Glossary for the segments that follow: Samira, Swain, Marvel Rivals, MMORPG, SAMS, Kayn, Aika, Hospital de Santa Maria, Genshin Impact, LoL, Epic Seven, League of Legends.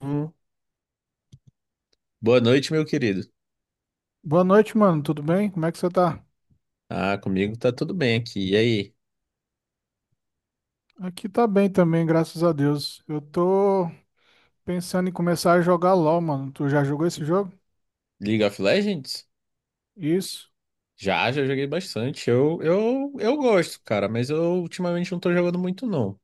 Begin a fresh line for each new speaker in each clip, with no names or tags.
Hum. Boa noite, meu querido.
Boa noite, mano. Tudo bem? Como é que você tá?
Ah, comigo tá tudo bem aqui. E aí,
Aqui tá bem também, graças a Deus. Eu tô pensando em começar a jogar LoL, mano. Tu já jogou esse jogo?
League of Legends?
Isso.
Já, já joguei bastante. Eu gosto, cara, mas eu ultimamente não tô jogando muito, não.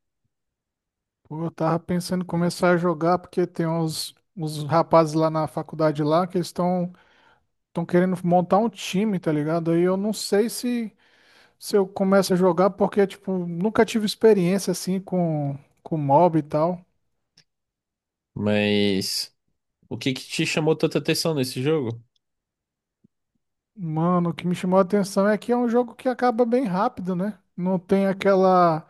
Pô, eu tava pensando em começar a jogar porque tem uns rapazes lá na faculdade lá que estão querendo montar um time, tá ligado? Aí eu não sei se eu começo a jogar porque tipo, nunca tive experiência assim com mob e tal.
Mas o que que te chamou tanta atenção nesse jogo?
Mano, o que me chamou a atenção é que é um jogo que acaba bem rápido, né? Não tem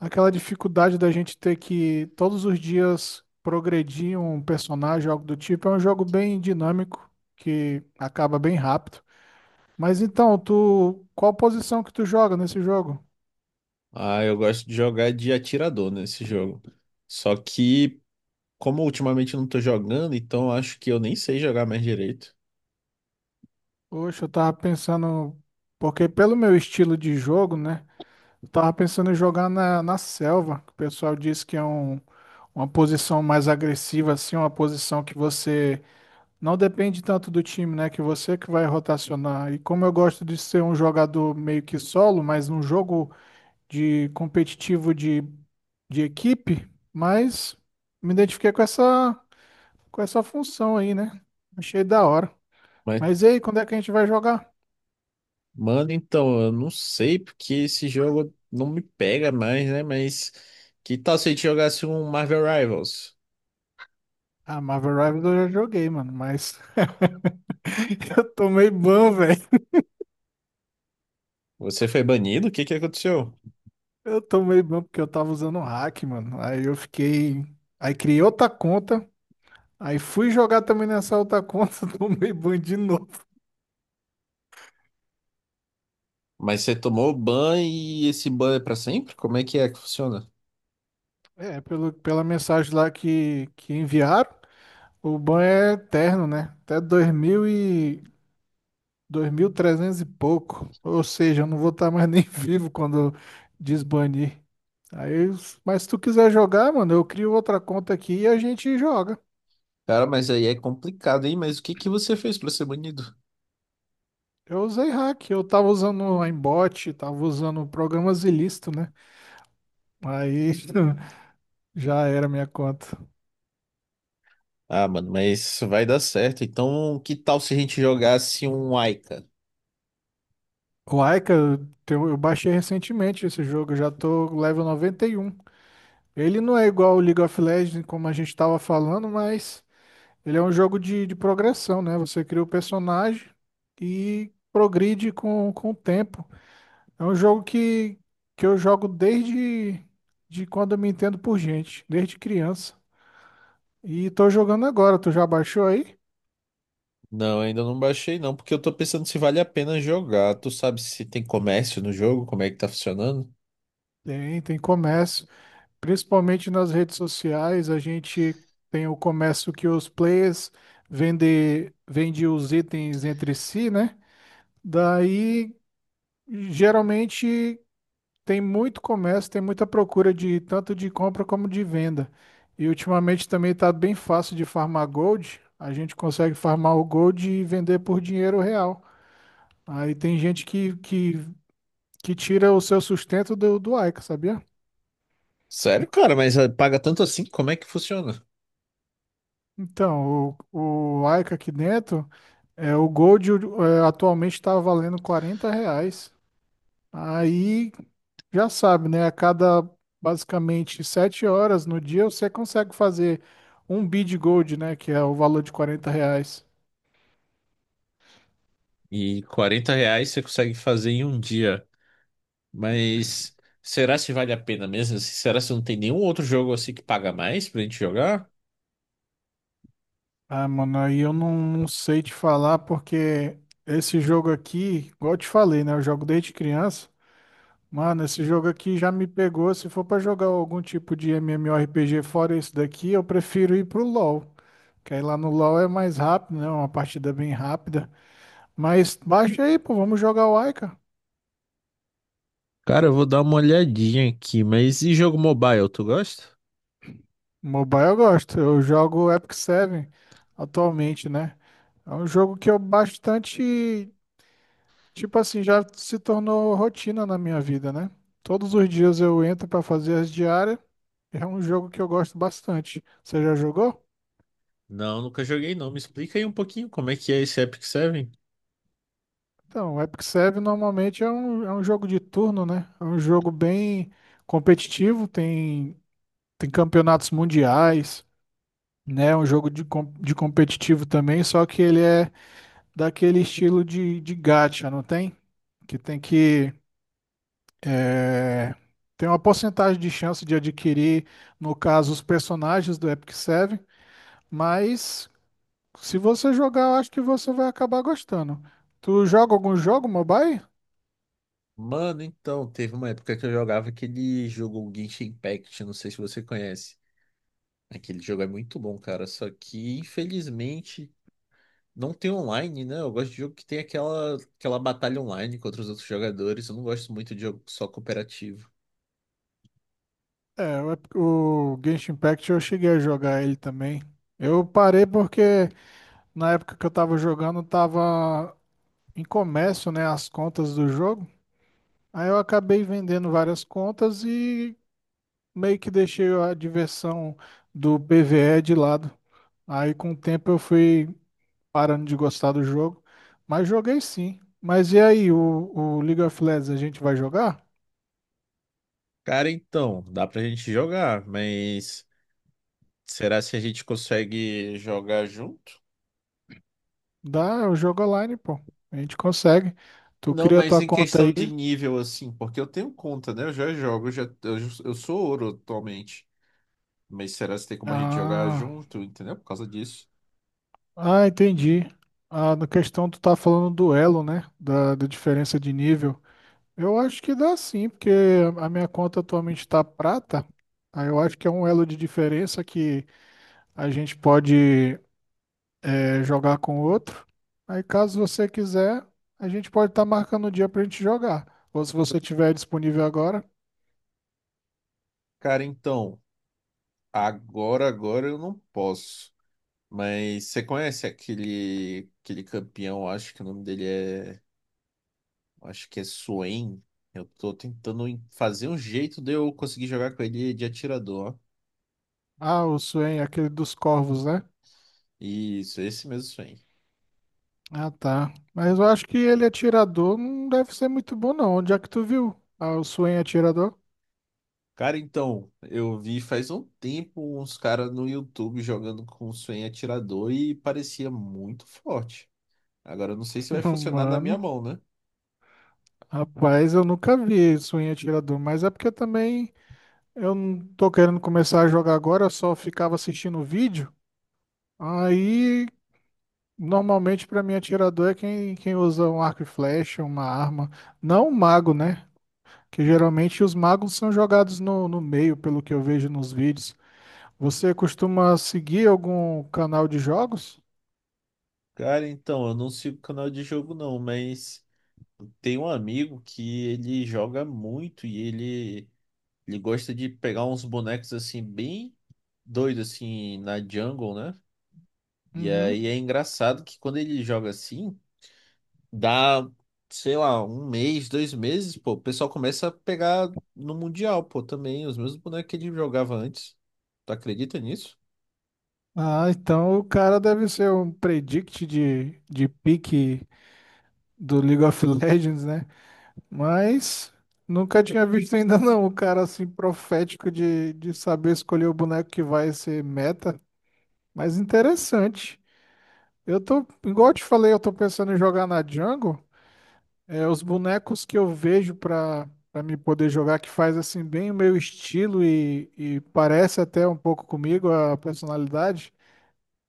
aquela dificuldade da gente ter que todos os dias progredir um personagem, algo do tipo, é um jogo bem dinâmico, que acaba bem rápido. Mas então, tu, qual posição que tu joga nesse jogo?
Ah, eu gosto de jogar de atirador nesse jogo. Só que, como ultimamente eu não tô jogando, então acho que eu nem sei jogar mais direito.
Poxa, eu tava pensando, porque pelo meu estilo de jogo, né? Eu tava pensando em jogar na selva. Que O pessoal diz que é um, uma posição mais agressiva, assim, uma posição que você não depende tanto do time, né? Que você que vai rotacionar. E como eu gosto de ser um jogador meio que solo, mas num jogo de competitivo de equipe, mas me identifiquei com com essa função aí, né? Achei da hora.
Mas
Mas e aí, quando é que a gente vai jogar?
mano, então, eu não sei porque esse jogo não me pega mais, né? Mas que tal se a gente jogasse um Marvel Rivals?
Ah, Marvel Rivals eu já joguei, mano, mas eu tomei ban, velho.
Você foi banido? O que que aconteceu?
Eu tomei ban porque eu tava usando o hack, mano. Aí eu fiquei. Aí criei outra conta. Aí fui jogar também nessa outra conta, tomei ban de novo.
Mas você tomou ban e esse ban é pra sempre? Como é que funciona?
É, pela mensagem lá que enviaram, o ban é eterno, né? Até 2300 e pouco. Ou seja, eu não vou estar mais nem vivo quando desbanir. Aí, mas se tu quiser jogar, mano, eu crio outra conta aqui e a gente joga.
Cara, mas aí é complicado, hein? Mas o que que você fez pra ser banido?
Eu usei hack, eu tava usando o aimbot, tava usando programas ilícitos, né? Aí já era minha conta.
Ah, mano, mas vai dar certo. Então, que tal se a gente jogasse um Aika?
O Aika, eu eu baixei recentemente esse jogo, eu já tô level 91. Ele não é igual o League of Legends, como a gente estava falando, mas ele é um jogo de progressão, né? Você cria o personagem e progride com o tempo. É um jogo que eu jogo desde de quando eu me entendo por gente, desde criança. E tô jogando agora, tu já baixou aí?
Não, ainda não baixei não, porque eu tô pensando se vale a pena jogar. Tu sabe se tem comércio no jogo, como é que tá funcionando?
Tem, tem comércio. Principalmente nas redes sociais, a gente tem o comércio que os players vende os itens entre si, né? Daí, geralmente, tem muito comércio, tem muita procura de tanto de compra como de venda. E ultimamente também está bem fácil de farmar gold. A gente consegue farmar o gold e vender por dinheiro real. Aí tem gente que tira o seu sustento do, do Aika, sabia?
Sério, cara, mas ah, paga tanto assim? Como é que funciona?
Então, o Aika aqui dentro. É, o Gold é, atualmente está valendo 40 reais. Aí já sabe, né? A cada basicamente 7 horas no dia você consegue fazer um bid Gold, né? Que é o valor de 40 reais.
E 40 reais você consegue fazer em um dia. Mas será se vale a pena mesmo? Assim, será se não tem nenhum outro jogo assim que paga mais pra gente jogar?
Ah, mano, aí eu não, não sei te falar porque esse jogo aqui, igual eu te falei, né? Eu jogo desde criança. Mano, esse jogo aqui já me pegou. Se for pra jogar algum tipo de MMORPG fora esse daqui, eu prefiro ir pro LoL. Que aí lá no LoL é mais rápido, né? Uma partida bem rápida. Mas baixa aí, pô, vamos jogar o Aika.
Cara, eu vou dar uma olhadinha aqui, mas e jogo mobile, tu gosta?
Mobile eu gosto. Eu jogo Epic Seven atualmente, né? É um jogo que eu bastante, tipo assim, já se tornou rotina na minha vida, né? Todos os dias eu entro pra fazer as diárias. É um jogo que eu gosto bastante. Você já jogou?
Não, nunca joguei não. Me explica aí um pouquinho como é que é esse Epic Seven.
Então, o Epic Seven normalmente é é um jogo de turno, né? É um jogo bem competitivo, tem campeonatos mundiais. Né? Um jogo de, de competitivo também, só que ele é daquele estilo de gacha, não tem? Que tem que é, tem uma porcentagem de chance de adquirir, no caso, os personagens do Epic Seven, mas se você jogar, eu acho que você vai acabar gostando. Tu joga algum jogo mobile?
Mano, então, teve uma época que eu jogava aquele jogo Genshin Impact, não sei se você conhece. Aquele jogo é muito bom, cara, só que infelizmente não tem online, né? Eu gosto de jogo que tem aquela, aquela batalha online contra os outros jogadores. Eu não gosto muito de jogo só cooperativo.
É, o Genshin Impact eu cheguei a jogar ele também. Eu parei porque na época que eu tava jogando, tava em comércio, né, as contas do jogo. Aí eu acabei vendendo várias contas e meio que deixei a diversão do BVE de lado. Aí com o tempo eu fui parando de gostar do jogo, mas joguei sim. Mas e aí, o League of Legends a gente vai jogar?
Cara, então, dá pra gente jogar, mas será se a gente consegue jogar junto?
Dá, eu jogo online, pô. A gente consegue. Tu
Não,
cria
mas
tua
em
conta
questão
aí.
de nível, assim, porque eu tenho conta, né? Eu já jogo, eu sou ouro atualmente. Mas será se tem como a gente jogar
Ah,
junto, entendeu? Por causa disso.
ah, entendi. Ah, na questão tu tá falando do elo, né? Da diferença de nível. Eu acho que dá sim, porque a minha conta atualmente está prata. Aí eu acho que é um elo de diferença que a gente pode jogar com o outro. Aí caso você quiser, a gente pode estar marcando o dia para a gente jogar. Ou se você tiver disponível agora.
Cara, então, agora eu não posso. Mas você conhece aquele, aquele campeão, acho que o nome dele é. Acho que é Swain. Eu tô tentando fazer um jeito de eu conseguir jogar com ele de atirador.
Ah, o Swain, aquele dos corvos, né?
Isso, esse mesmo Swain.
Ah, tá. Mas eu acho que ele atirador não deve ser muito bom, não. Onde é que tu viu? Ah, o Swain atirador?
Cara, então, eu vi faz um tempo uns caras no YouTube jogando com o Swain atirador e parecia muito forte. Agora eu não sei se vai funcionar na minha
Mano,
mão, né?
rapaz, eu nunca vi Swain atirador. Mas é porque também. Eu não tô querendo começar a jogar agora, eu só ficava assistindo o vídeo. Aí, normalmente, pra mim, atirador é quem usa um arco e flecha, uma arma. Não um mago, né? Que geralmente os magos são jogados no meio, pelo que eu vejo nos vídeos. Você costuma seguir algum canal de jogos?
Cara, então, eu não sigo canal de jogo não, mas tem um amigo que ele joga muito e ele. Ele gosta de pegar uns bonecos assim, bem doidos, assim, na jungle, né? E aí
Uhum.
é engraçado que quando ele joga assim, dá, sei lá, um mês, dois meses, pô, o pessoal começa a pegar no Mundial, pô, também, os mesmos bonecos que ele jogava antes. Tu acredita nisso?
Ah, então o cara deve ser um predict de pique do League of Legends, né? Mas nunca tinha visto ainda não o cara assim profético de saber escolher o boneco que vai ser meta. Mas interessante. Eu tô, igual eu te falei, eu tô pensando em jogar na Jungle. É, os bonecos que eu vejo pra me poder jogar, que faz assim bem o meu estilo e parece até um pouco comigo a personalidade.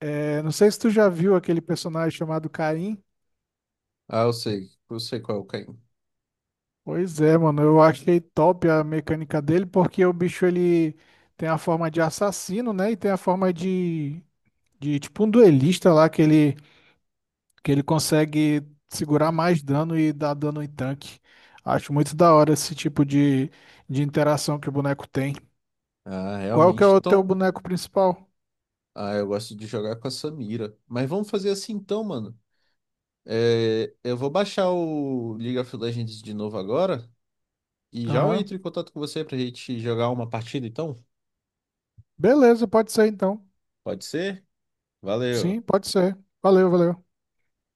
É, não sei se tu já viu aquele personagem chamado Kayn.
Ah, eu sei qual é o Caim.
Pois é, mano, eu achei top a mecânica dele, porque o bicho ele tem a forma de assassino, né? E tem a forma de tipo um duelista lá que ele consegue segurar mais dano e dar dano em tanque. Acho muito da hora esse tipo de interação que o boneco tem.
Ah,
Qual que é
realmente,
o teu
então.
boneco principal?
Ah, eu gosto de jogar com a Samira. Mas vamos fazer assim então, mano. É, eu vou baixar o League of Legends de novo agora. E já eu
Aham.
entro em contato com você pra gente jogar uma partida, então?
Beleza, pode ser então.
Pode ser? Valeu.
Sim, pode ser. Valeu, valeu.